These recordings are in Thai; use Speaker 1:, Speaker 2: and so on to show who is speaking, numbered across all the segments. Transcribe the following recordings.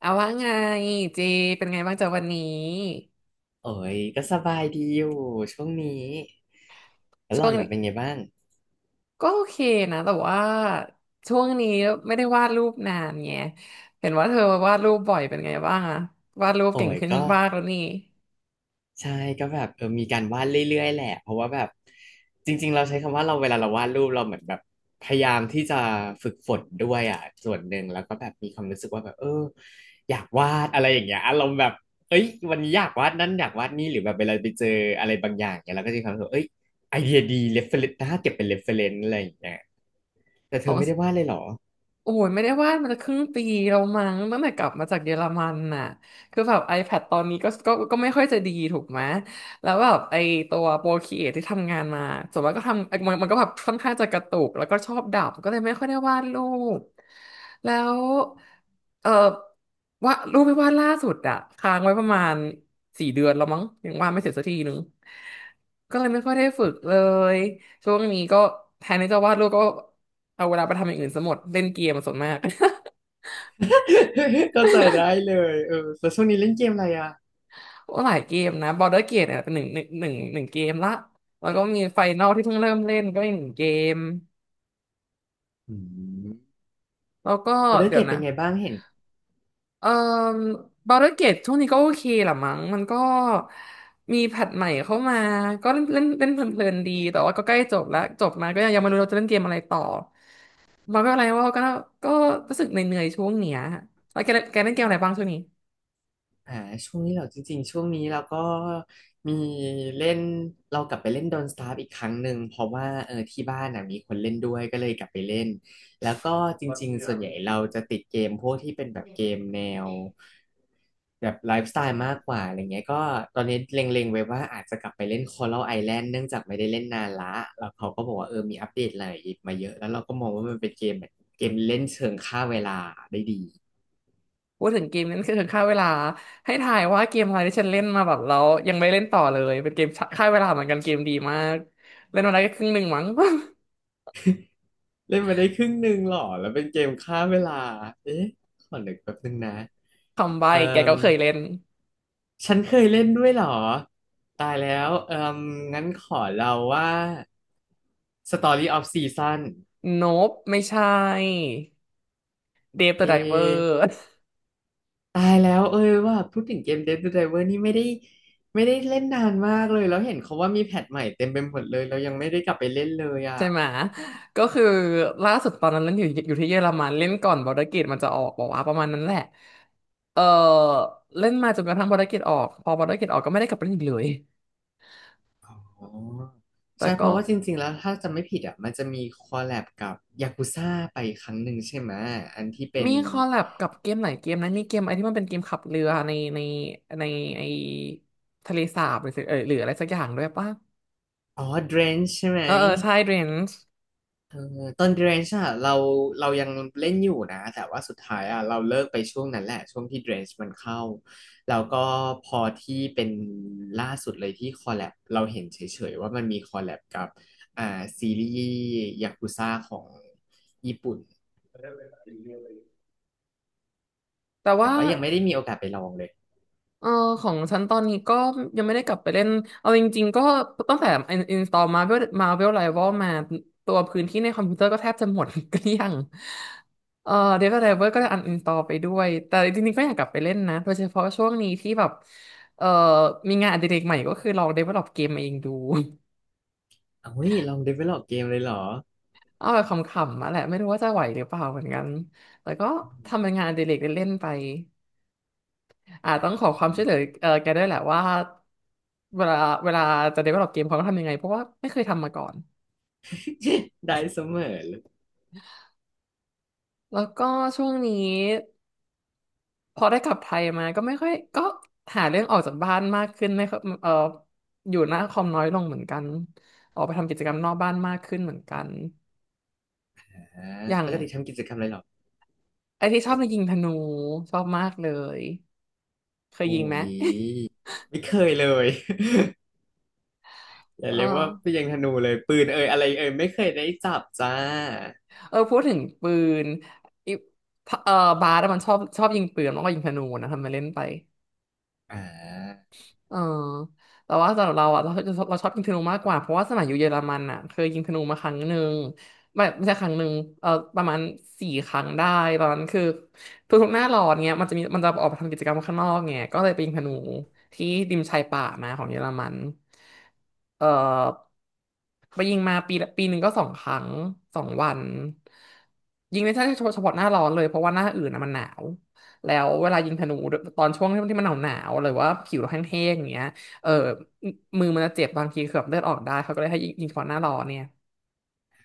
Speaker 1: เอาว่าไงเจเป็นไงบ้างจากวันนี้
Speaker 2: โอ้ยก็สบายดีอยู่ช่วงนี้แล้วห
Speaker 1: ช่
Speaker 2: ล่
Speaker 1: ว
Speaker 2: อ
Speaker 1: ง
Speaker 2: น
Speaker 1: นี้
Speaker 2: น่ะเป็นไงบ้าง
Speaker 1: ก็โอเคนะแต่ว่าช่วงนี้ไม่ได้วาดรูปนานไงเห็นว่าเธอวาดรูปบ่อยเป็นไงบ้างอะวาดรูป
Speaker 2: โอ้
Speaker 1: เก่ง
Speaker 2: ย
Speaker 1: ขึ้น
Speaker 2: ก็
Speaker 1: มากแล้วนี่
Speaker 2: ใช่ก็แบบมีการวาดเรื่อยๆแหละเพราะว่าแบบจริงๆเราใช้คำว่าเราเวลาเราวาดรูปเราเหมือนแบบพยายามที่จะฝึกฝนด้วยอ่ะส่วนหนึ่งแล้วก็แบบมีความรู้สึกว่าแบบอยากวาดอะไรอย่างเงี้ยอารมณ์แบบเอ้ยวันนี้อยากวาดนั่นอยากวาดนี่หรือแบบเวลาไปเจออะไรบางอย่างเนี่ยเราก็จะมีความรู้สึกว่าเอ้ยไอเดียดีเรฟเฟรนซ์น่าเก็บเป็นเรฟเฟรนซ์อะไรอย่างเงี้ยแต่เธอไม่ได้วาดเลยเหรอ
Speaker 1: โอ้ยไม่ได้วาดมันจะครึ่งปีแล้วมั้งตั้งแต่กลับมาจากเยอรมันน่ะคือแบบ iPad ตอนนี้ก็ไม่ค่อยจะดีถูกไหมแล้วแบบไอตัวโปรครีเอทที่ทำงานมาส่วนมากก็ทำมันก็แบบค่อนข้างจะกระตุกแล้วก็ชอบดับก็เลยไม่ค่อยได้วาดรูปแล้วเออว่าดรูปที่วาดล่าสุดอะค้างไว้ประมาณสี่เดือนแล้วมั้งยังวาดไม่เสร็จสักทีนึงก็เลยไม่ค่อยได้ฝึกเลยช่วงนี้ก็แทนที่จะวาดรูปก็ เอาเวลาไปทำอย่างอื่นซะหมดเล่นเกมส่วนมาก
Speaker 2: เข้าใจได้เลยแล้วช่วงนี้เล่นเกมอะไรอ่ะ
Speaker 1: โอ้หลายเกมนะ Border Gate เนี่ยเป็นหนึ่งเกมละแล้วก็มีไฟนอลที่เพิ่งเริ่มเล่นก็อีกหนึ่งเกม
Speaker 2: อืม
Speaker 1: แล้วก็
Speaker 2: เอาได้
Speaker 1: เดี๋
Speaker 2: เก
Speaker 1: ย
Speaker 2: ร
Speaker 1: ว
Speaker 2: ดเป็
Speaker 1: นะ
Speaker 2: นไงบ้างเห็น
Speaker 1: เอ่อ Border Gate ช่วงนี้ก็โอเคแหละมั้งมันก็มีแพทใหม่เข้ามาก็เล่นเล่นเล่นเพลินๆดีแต่ว่าก็ใกล้จบแล้วจบมาก็ยังไม่รู้เราจะเล่นเกมอะไรต่อมันก็อะไรว่าก็รู้สึกเหนื่อยๆช่วงเนี้ยแล้วแกเล่นเกมอะไรบ้างช่วงนี้
Speaker 2: อ่าช่วงนี้เราจริงๆช่วงนี้เราก็มีเล่นเรากลับไปเล่นโดนสตาร์อีกครั้งหนึ่งเพราะว่าที่บ้านน่ะมีคนเล่นด้วยก็เลยกลับไปเล่นแล้วก็จริงๆส่วนใหญ่เราจะติดเกมพวกที่เป็นแบบเกมแนวแบบไลฟ์สไตล์มากกว่าอะไรเงี้ยก็ตอนนี้เล็งๆไว้ว่าอาจจะกลับไปเล่น Coral Island เนื่องจากไม่ได้เล่นนานละแล้วเขาก็บอกว่ามีอัปเดตอะไรมาเยอะแล้วเราก็มองว่ามันเป็นเกมแบบเกมเล่นเชิงฆ่าเวลาได้ดี
Speaker 1: พูดถึงเกมนั้นคือค่าเวลาให้ถ่ายว่าเกมอะไรที่ฉันเล่นมาแบบแล้วยังไม่เล่นต่อเลยเป็นเกมค่าเวลาเหมือนกันเกมดีมาก เล่นมาได้แค่ครึ่งหนึ่งมั้ง
Speaker 2: เล่นมาได้ครึ่งหนึ่งหรอแล้วเป็นเกมฆ่าเวลา เอ๊ะขอนึกแป๊บนึงนะ
Speaker 1: คำใบ้
Speaker 2: เอ่
Speaker 1: แก
Speaker 2: ม
Speaker 1: ก็เคยเล่น
Speaker 2: ฉันเคยเล่นด้วยเหรอตายแล้วเอ่มงั้นขอเราว่า Story of Season
Speaker 1: โนบไม่ใช่เดฟเด
Speaker 2: เอ
Speaker 1: อะไดเวอ
Speaker 2: ะ
Speaker 1: ร์
Speaker 2: ตายแล้วเอ้ยว่าพูดถึงเกม Dead to Driver นี่ไม่ได้ไม่ได้เล่นนานมากเลยแล้วเห็นเขาว่ามีแพทใหม่เต็มไปหมดเลยเรายังไม่ได้กลับไปเล่นเลยอ่ะ
Speaker 1: ใช่ไหมก็คือล่าสุดตอนนั้นเล่นอยู่ที่เยอรมันเล่นก่อนบอร์ดเกตมันจะออกบอกว่าประมาณนั้นแหละเออเล่นมาจนกระทั่งบอร์ดเกตออกพอบอร์ดเกตออกก็ไม่ได้กลับไปเล่นอีกเลย
Speaker 2: อ๋อ
Speaker 1: แต่
Speaker 2: ใช่เพ
Speaker 1: ก็
Speaker 2: ราะว่าจริงๆแล้วถ้าจำไม่ผิดอ่ะมันจะมีคอลแลบกับยากุซ่าไปครั้งหนึ่งใช่ไหมอันที่เป็
Speaker 1: มี
Speaker 2: น
Speaker 1: คอลแลบกับเกมหลายเกมนะมีเกมอะไรที่มันเป็นเกมขับเรือในไอทะเลสาบหรือสิหรืออะไรสักอย่างด้วยป่ะ
Speaker 2: อ๋อ Drench ใช่ไหม
Speaker 1: เออใช่เรนจ์
Speaker 2: เออตอน Drench อ่ะเรายังเล่นอยู่นะแต่ว่าสุดท้ายอ่ะเราเลิกไปช่วงนั้นแหละช่วงที่ Drench มันเข้าแล้วก็พอที่เป็นล่าสุดเลยที่คอลแลบเราเห็นเฉยๆว่ามันมีคอลแลบกับอ่าซีรีส์ยากุซ่าของญี่ปุ่น
Speaker 1: แต่
Speaker 2: แต่
Speaker 1: ว่า
Speaker 2: ว่ายังไม่ได้มีโอกาสไปลองเลย
Speaker 1: เออของฉันตอนนี้ก็ยังไม่ได้กลับไปเล่นเอาจริงๆก็ตั้งแต่อินสตอลมาเวลมาเวลไรวอลมาตัวพื้นที่ในคอมพิวเตอร์ก็แทบจะหมด เกลี้ยงเออเดฟไดเวอร์ก็ได้อันอินสตอลไปด้วยแต่จริงๆก็อยากกลับไปเล่นนะโดยเฉพาะช่วงนี้ที่แบบเออมีงานอดิเรกใหม่ก็คือลอง develop เวลลอปเกมเองดู
Speaker 2: เอ้ยลอง develop เกมเลยเหรอ
Speaker 1: เอาแบบขำๆมาแหละไม่รู้ว่าจะไหวหรือเปล่าเหมือนกันแต่ก็ทำเป็นงานอดิเรกเล่นๆไปอ่าต้องขอความช่วยเหลือแกด้วยแหละว่าเวลาเวลาจะ develop เกมเขาต้องทำยังไงเพราะว่าไม่เคยทำมาก่อน
Speaker 2: ได้เสมอเลย
Speaker 1: แล้วก็ช่วงนี้พอได้กลับไทยมาก็ไม่ค่อยก็หาเรื่องออกจากบ้านมากขึ้นไม่ค่อยอยู่หน้าคอมน้อยลงเหมือนกันออกไปทำกิจกรรมนอกบ้านมากขึ้นเหมือนกัน
Speaker 2: นะ
Speaker 1: อย่า
Speaker 2: ป
Speaker 1: ง
Speaker 2: กติทำกิจกรรมอะไรเหรอ
Speaker 1: ไอ้ที่ชอบในะยิงธนูชอบมากเลยเคย
Speaker 2: โอ้
Speaker 1: ยิงไหม
Speaker 2: ยไม่เคยเลย อ ย่า
Speaker 1: เออ
Speaker 2: เรียกว่าพี่ ยังธนูเลยปืนเอ่ยอะไรเอ่ยไม่เคยได้จับจ้า
Speaker 1: เออพูดถึงปืนอิเออบาสอะมันชอบยิงปืนแล้วก็ยิงธนูนะทำไมาเล่นไป
Speaker 2: อ่า
Speaker 1: เออแต่ว่าสำหรับเราอ่ะเราชอบยิงธนูมากกว่าเพราะว่าสมัยอยู่เยอรมันอ่ะเคยยิงธนูมาครั้งหนึ่งไม่ใช่ครั้งหนึ่งเออประมาณสี่ครั้งได้ตอนนั้นคือทุกๆหน้าร้อนเนี้ยมันจะออกไปทำกิจกรรมข้างนอกไงก็เลยไปยิงธนูที่ริมชายป่ามาของเยอรมันเออไปยิงมาปีละปีหนึ่งก็สองครั้งสองวันยิงในช่วงเฉพาะหน้าร้อนเลยเพราะว่าหน้าอื่นอ่ะมันหนาว แล้วเวลายิงธนูตอนช่วงที่มันหนาวหรือว่าผิวเราแห้งๆอย่างเงี้ยเออมือมันจะเจ็บบางทีเกือบเลือดออกได้เขาก็เลยให้ยิงเฉพาะหน้าร้อนเนี่ย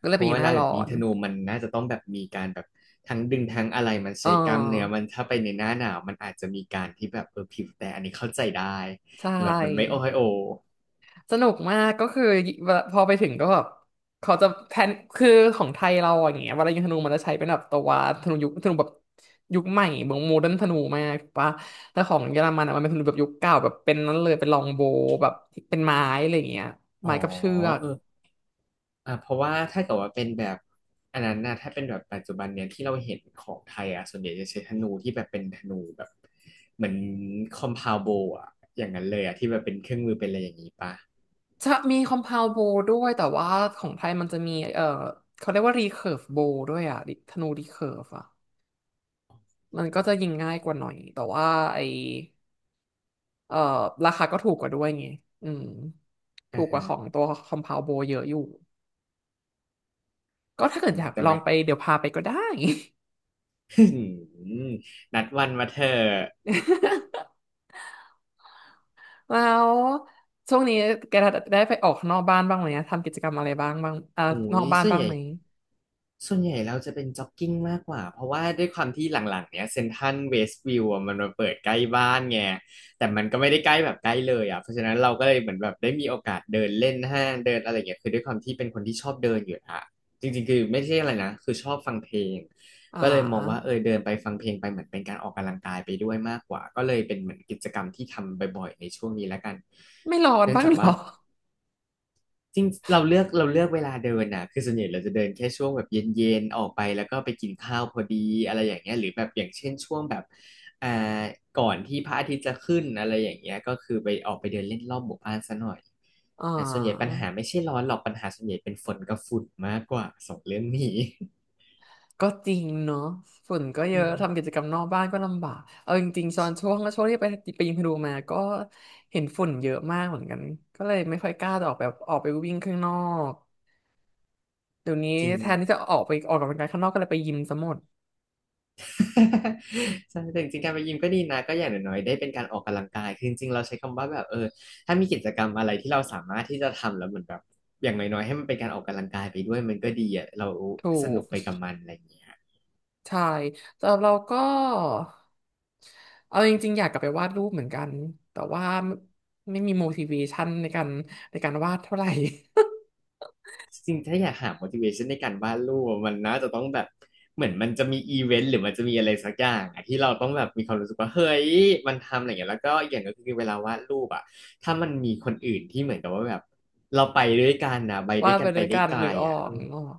Speaker 1: ก็เลย
Speaker 2: เพ
Speaker 1: ไป
Speaker 2: ราะ
Speaker 1: ยิง
Speaker 2: เว
Speaker 1: หน้า
Speaker 2: ลาแบ
Speaker 1: ร้อ
Speaker 2: บยิง
Speaker 1: น
Speaker 2: ธนูมันน่าจะต้องแบบมีการแบบทั้งดึงทั้งอะไรมัน
Speaker 1: เอ
Speaker 2: ใช้กล้ามเนื้อ
Speaker 1: อ
Speaker 2: มันถ้าไปในหน้าหนาวมันอาจจะมีการที่แบบผิวแต่อันนี้เข้าใจได้
Speaker 1: ใช
Speaker 2: แบบมันไม่
Speaker 1: ่
Speaker 2: โอ้ยโอ
Speaker 1: สนุกมากก็คือเวลาพอไปถึงก็แบบเขาจะแพลนคือของไทยเราอย่างเงี้ยเวลายิงธนูมันจะใช้เป็นแบบตัวธนูยุคธนูแบบยุคใหม่เหมือนโมเดิร์นธนูมากถูกปะแต่ของเยอรมันอะมันเป็นธนูแบบยุคเก่าแบบเป็นนั้นเลยเป็นลองโบว์แบบเป็นไม้อะไรอย่างเงี้ย
Speaker 2: อ๋อ
Speaker 1: ไม้กับเชือก
Speaker 2: เออ เพราะว่าถ้าเกิดว่าเป็นแบบอันนั้นนะถ้าเป็นแบบปัจจุบันเนี่ยที่เราเห็นของไทยอ่ะส่วนใหญ่จะใช้ธนูที่แบบเป็นธนูแบบเหมือนคอมพาวโบอ่ะอย่างนั้นเลยอ่ะที่แบบเป็นเครื่องมือเป็นอะไรอย่างนี้ปะ
Speaker 1: จะมีคอม p พ u ว d โบด้วยแต่ว่าของไทยมันจะมี เขาเรียกว่ารีเคิร์ฟโบด้วยอ่ะดิธนูรีเคิร์ฟอ่ะมันก็จะยิงง่ายกว่าหน่อยแต่ว่าไอเออราคาก็ถูกกว่าด้วยไงอืมถู
Speaker 2: อ่า
Speaker 1: กกว่า
Speaker 2: ฮะ
Speaker 1: ของตัวคอม p พ u ว d โบเยอะอยู่ก็ถ้าเกิดอยาก
Speaker 2: แต่
Speaker 1: ลอ
Speaker 2: มั
Speaker 1: ง
Speaker 2: น
Speaker 1: ไปเดี๋ยวพาไปก็ได้
Speaker 2: นัดวันมาเถอะ
Speaker 1: แล้วช่วงนี้แกได้ไปออกข้างนอกบ้านบ้างไหมอะทำกิจกรรมอะไรบ้างบ้างอ่า
Speaker 2: โอ้
Speaker 1: นอ
Speaker 2: ย
Speaker 1: กบ้าน
Speaker 2: ส่วน
Speaker 1: บ้า
Speaker 2: ให
Speaker 1: ง
Speaker 2: ญ่
Speaker 1: ไหม
Speaker 2: ส่วนใหญ่เราจะเป็นจ็อกกิ้งมากกว่าเพราะว่าด้วยความที่หลังๆเนี้ยเซ็นทรัลเวสต์วิวมันมาเปิดใกล้บ้านไงแต่มันก็ไม่ได้ใกล้แบบใกล้เลยอ่ะเพราะฉะนั้นเราก็เลยเหมือนแบบได้มีโอกาสเดินเล่นห้างเดินอะไรเงี้ยคือด้วยความที่เป็นคนที่ชอบเดินอยู่อ่ะจริงๆคือไม่ใช่อะไรนะคือชอบฟังเพลง
Speaker 1: อ่
Speaker 2: ก็เลยมองว่า
Speaker 1: า
Speaker 2: เดินไปฟังเพลงไปเหมือนเป็นการออกกำลังกายไปด้วยมากกว่าก็เลยเป็นเหมือนกิจกรรมที่ทำบ่อยๆในช่วงนี้แล้วกัน
Speaker 1: ไม่ร้อน
Speaker 2: เนื่อง
Speaker 1: บ้าง
Speaker 2: จาก
Speaker 1: เหร
Speaker 2: ว่า
Speaker 1: อ
Speaker 2: จริงเราเลือกเราเลือกเวลาเดินนะคือส่วนใหญ่เราจะเดินแค่ช่วงแบบเย็นๆออกไปแล้วก็ไปกินข้าวพอดีอะไรอย่างเงี้ยหรือแบบอย่างเช่นช่วงแบบอ่าก่อนที่พระอาทิตย์จะขึ้นอะไรอย่างเงี้ยก็คือไปออกไปเดินเล่นรอบหมู่บ้านซะหน่อย
Speaker 1: อ่า
Speaker 2: อ่าส่วนใหญ่ปัญหาไม่ใช่ร้อนหรอกปัญหาส่วนใหญ่เป็นฝนกับฝุ่นมากกว่าสองเรื่องนี้
Speaker 1: ก็จริงเนาะฝุ่นก็เย
Speaker 2: อื
Speaker 1: อะ
Speaker 2: ม
Speaker 1: ทำกิจกรรมนอกบ้านก็ลำบากเอาจริงๆตอนช่วงที่ไปไปยิมพารูมาก็เห็นฝุ่นเยอะมากเหมือนกันก็เลยไม่ค่อยกล้าจะออกแบบออกไปวิ่งข้างนอกเดี๋ยวนี้
Speaker 2: จริง
Speaker 1: แทนที่จะออกไปออกกำลังกายข้างนอกก็เลยไปยิมซะหมด
Speaker 2: ใช่แต่จริงๆการไปยิมก็ดีนะก็อย่างน้อยๆได้เป็นการออกกำลังกายคือจริงๆเราใช้คำว่าแบบถ้ามีกิจกรรมอะไรที่เราสามารถที่จะทำแล้วเหมือนแบบอย่างน้อยๆให้มันเป็นการออกกำลังกายไปด้วยมันก็ดีอ่ะเรา
Speaker 1: ถู
Speaker 2: สนุ
Speaker 1: ก
Speaker 2: กไปกับมันอะไรอย่างเงี้ย
Speaker 1: ใช่สำหรับเราก็เอาจริงๆอยากกลับไปวาดรูปเหมือนกันแต่ว่าไม่มี motivation ในการในการวาดเท่าไหร่
Speaker 2: จริงๆถ้าอยากหา motivation ในการวาดรูปอะมันน่าจะต้องแบบเหมือนมันจะมีอีเวนต์หรือมันจะมีอะไรสักอย่างอะที่เราต้องแบบมีความรู้สึกว่าเฮ้ยมันทำอะไรอย่างเงี้ยแล้วก็อีกอย่างก็คือเวลาวาดรูปอ่ะถ้ามันมีคนอื่นที่เหมือนกับว่าแบบเราไปด้วยกันนะไป ด้
Speaker 1: วา
Speaker 2: ว
Speaker 1: ด
Speaker 2: ยกั
Speaker 1: ไป
Speaker 2: นไป
Speaker 1: ด้วย
Speaker 2: ได้
Speaker 1: กัน
Speaker 2: ไก
Speaker 1: ห
Speaker 2: ล
Speaker 1: รือออ
Speaker 2: อ่ะเอ
Speaker 1: ก
Speaker 2: อ
Speaker 1: นึกออก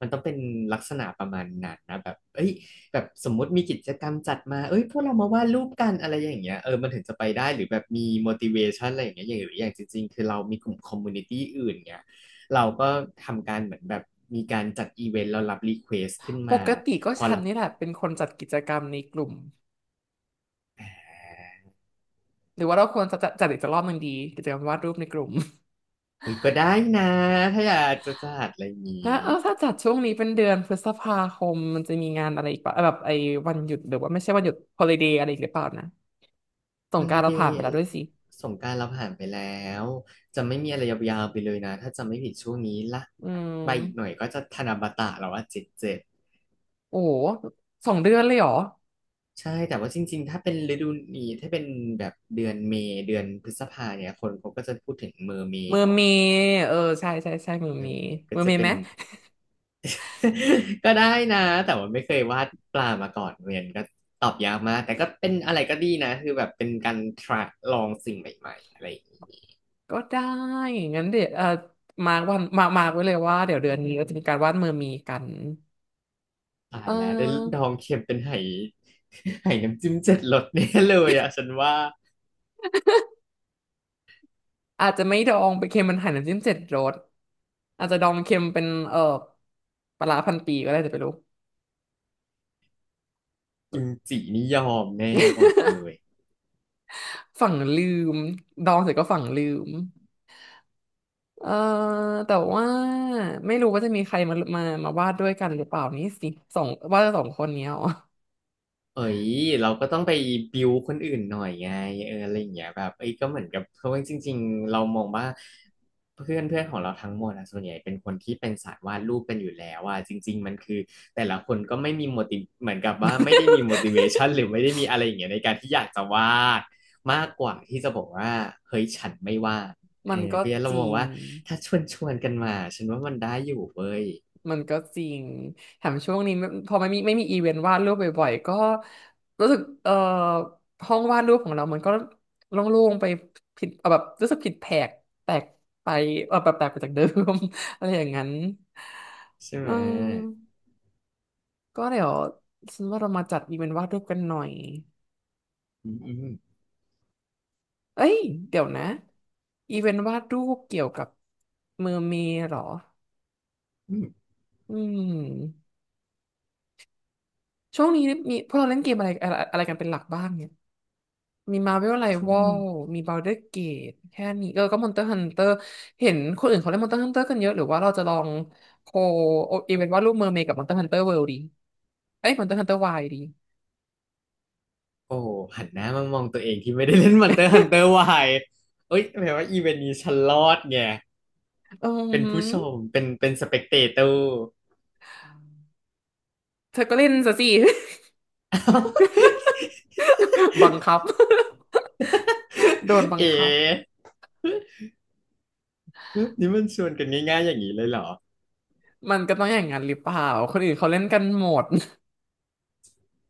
Speaker 2: มันต้องเป็นลักษณะประมาณนั้นนะแบบเอ้ยแบบสมมุติมีกิจกรรมจัดมาเอ้ยพวกเรามาวาดรูปกันอะไรอย่างเงี้ยเออมันถึงจะไปได้หรือแบบมี motivation อะไรอย่างเงี้ยอย่างหรืออย่างจริงๆคือเรามีกลุ่ม community อื่นเงี้ยเราก็ทำการเหมือนแบบมีการจัดอีเวนต์เรารับรีเควสขึ้น
Speaker 1: ป
Speaker 2: มา
Speaker 1: กติก็ฉันนี่แหละเป็นคนจัดกิจกรรมในกลุ่มหรือว่าเราควรจะจัดอีกสักรอบหนึ่งดีกิจกรรมวาดรูปในกลุ่ม
Speaker 2: เฮ้ยก็ได้นะถ้าอยากจะจัดอะไรอย่างนี้
Speaker 1: แล้วถ้าจัดช่วงนี้เป็นเดือนพฤษภาคมมันจะมีงานอะไรอีกปะแบบไอ้วันหยุดหรือว่าไม่ใช่วันหยุดฮอ l i d ด y อะไรอีกหรือเปล่านะส
Speaker 2: ฮ
Speaker 1: ง
Speaker 2: อ
Speaker 1: กราน
Speaker 2: ลิ
Speaker 1: ต์เรา
Speaker 2: เด
Speaker 1: ผ่าน
Speaker 2: ย์
Speaker 1: ไปแล้วด้วยสิ
Speaker 2: สงกรานต์เราผ่านไปแล้ว จะไม่มีอะไรยาวๆไปเลยนะถ้าจะไม่ผิดช่วงนี้ละ
Speaker 1: อืม
Speaker 2: ใบอีกหน่อยก็จะธนบัตรแล้วว่าเจ็ดเจ็ด
Speaker 1: โอ้โหสองเดือนเลยเหรอ
Speaker 2: ใช่แต่ว่าจริงๆ ถ้าเป็นฤดูนี้ถ้าเป็นแบบเดือนเมษเดือนพฤษภาเนี่ยคนเขาก็จะพูดถึงเมอร์เมย์
Speaker 1: เมือ
Speaker 2: เนาะ
Speaker 1: เมย์ใช่เมือ
Speaker 2: เออ
Speaker 1: เมย์
Speaker 2: ก็
Speaker 1: เมือ
Speaker 2: จะ
Speaker 1: เมย์
Speaker 2: เป็
Speaker 1: ไห
Speaker 2: น
Speaker 1: ม
Speaker 2: ก็ได้นะแต่ว่าไม่เคยวาดปลามาก่อนเรียนก็ตอบยากมากแต่ก็เป็นอะไรก็ดีนะคือแบบเป็นการ try ลองสิ่งใหม่ๆอะไรอย่างนี้
Speaker 1: ก็ได้งั้นเดี๋ยวมาร์กวันมามาร์กไว้เลยว่าเดี๋ยวเดือนนี้เราจะมีการวาดเมือเมกัน
Speaker 2: ตา
Speaker 1: เ
Speaker 2: ยแล้วได้
Speaker 1: อ
Speaker 2: ด
Speaker 1: อ
Speaker 2: องเค็มเป็นไห ไหน้ำจิ้มเจ็ดรสแน่เลยอ่ะฉันว่า
Speaker 1: อาจจะไม่ดองไปเค็มมันหั่นน้ำจิ้มเจ็ดรสอาจจะดองเค็มเป็นปลาร้าพันปีก็ได้แต่ไม่รู้
Speaker 2: กิมจินี่ยอมแน่บอกเลย
Speaker 1: ฝั่งลืมดองเสร็จก็ฝั่งลืมเออแต่ว่าไม่รู้ว่าจะมีใครมาวาดด้วยกันหรือเปล่านี่สิสองวาดสองคนเนี้ยอ๋อ
Speaker 2: เอ้ยเราก็ต้องไปบิวคนอื่นหน่อยไงเอออะไรอย่างเงี้ยแบบเอ้ยก็เหมือนกับเพราะว่าจริงๆเรามองว่าเพื่อนเพื่อนของเราทั้งหมดอะส่วนใหญ่เป็นคนที่เป็นสายวาดรูปกันอยู่แล้วอะจริงๆมันคือแต่ละคนก็ไม่มี เหมือนกับว่าไม่ได้มี motivation หรือ ไม่ได้มีอะไรอย่างเงี้ยในการที่อยากจะวาดมากกว่าที่จะบอกว่าเฮ้ยฉันไม่วาดเอ
Speaker 1: มั
Speaker 2: อ
Speaker 1: นก็
Speaker 2: เพราะฉะนั้น
Speaker 1: จ
Speaker 2: เรา
Speaker 1: ริ
Speaker 2: มอง
Speaker 1: ง
Speaker 2: ว่าถ้าชวนกันมาฉันว่ามันได้อยู่เว้ย
Speaker 1: มันก็จริงแถมช่วงนี้ไม่พอไม่มีอีเวนต์วาดรูปบ่อยๆก็รู้สึกห้องวาดรูปของเรามันก็โล่งๆไปผิดแบบรู้สึกผิดแผกแตกไปแบบแตกไปจากเดิม อะไรอย่างนั้น
Speaker 2: ใช่
Speaker 1: เ
Speaker 2: ไหม
Speaker 1: ออก็เดี๋ยวฉันว่าเรามาจัดอีเวนต์วาดรูปกันหน่อย
Speaker 2: อืมอืม
Speaker 1: เอ้ยเดี๋ยวนะอีเวนต์วาดรูปเกี่ยวกับมือเมย์เหรอ
Speaker 2: อืม
Speaker 1: อืมช่วงนี้มีพวกเราเล่นเกมอะไรอะไรอะไรกันเป็นหลักบ้างเนี่ย มีมา r v e l r i
Speaker 2: ช่ว
Speaker 1: ว
Speaker 2: ง
Speaker 1: a
Speaker 2: นี้
Speaker 1: l มี Baldur's Gate แค่นี้ก็ Monster Hunter เห็นคนอื่นเขาเล่น Monster Hunter กันเยอะหรือว่าเราจะลองโคเอเวนต์ว่าดรูปเมอร์เมดกับ Monster Hunter World ดีเอ้ย Monster Hunter Wilds ดี
Speaker 2: โอ้หันหน้ามามองตัวเองที่ไม่ได้เล่น Monster Hunter ร์วายเอ้ยแปลว่าอีเวนต์นี้ฉันรอดไง
Speaker 1: เออ
Speaker 2: เป็น
Speaker 1: หื
Speaker 2: ผู้ชม
Speaker 1: อ
Speaker 2: เป็นส เปกเตเตอร์
Speaker 1: เธอก็เล่นซะสิ บังคับ โดน บัง
Speaker 2: เอ
Speaker 1: คับ
Speaker 2: ๋นี่มันชวนกันง่ายๆอย่างนี้เลยเหรอ
Speaker 1: มันก็ต้องอย่างนั้นหรือเปล่าคนอื่นเขาเล่นกันหมด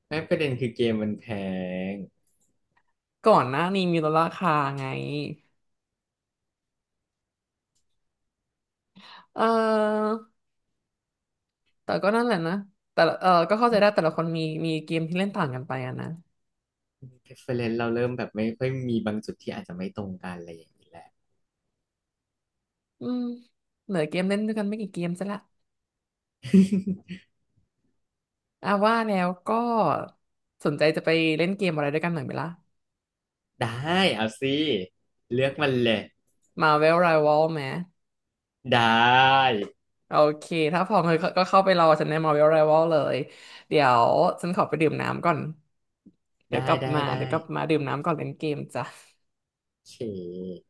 Speaker 2: ไม่ประเด็นคือเกมมันแพง
Speaker 1: ก่อนหน้านี้มีลดราคาไงเออแต่ก็นั่นแหละนะแต่ละก็เข้าใจได้แต่ละคนมีมีเกมที่เล่นต่างกันไปอะนะ
Speaker 2: reference เราเริ่มแบบไม่ค่อยมีบางจุดที่อาจจะไม่ตรงกันอะไรอย่างนี้แหละ
Speaker 1: อืมเหลือเกมเล่นด้วยกันไม่กี่เกมซะละ อ่ะว่าแล้วก็สนใจจะไปเล่นเกมอะไรด้วยกันหน่อยไหมล่ะ
Speaker 2: ได้เอาสิเลือกมันเลย
Speaker 1: Marvel Rival ไหม
Speaker 2: ได้
Speaker 1: โอเคถ้าพร้อมก็ก็เข้าไปรอฉันใน Marvel Rival เลยเดี๋ยวฉันขอไปดื่มน้ำก่อนเดี๋ย
Speaker 2: ได้
Speaker 1: วกลับ
Speaker 2: ได้
Speaker 1: มา
Speaker 2: ได้
Speaker 1: เดี๋ยวกลับมาดื่มน้ำก่อนเล่นเกมจ้ะ
Speaker 2: โอเค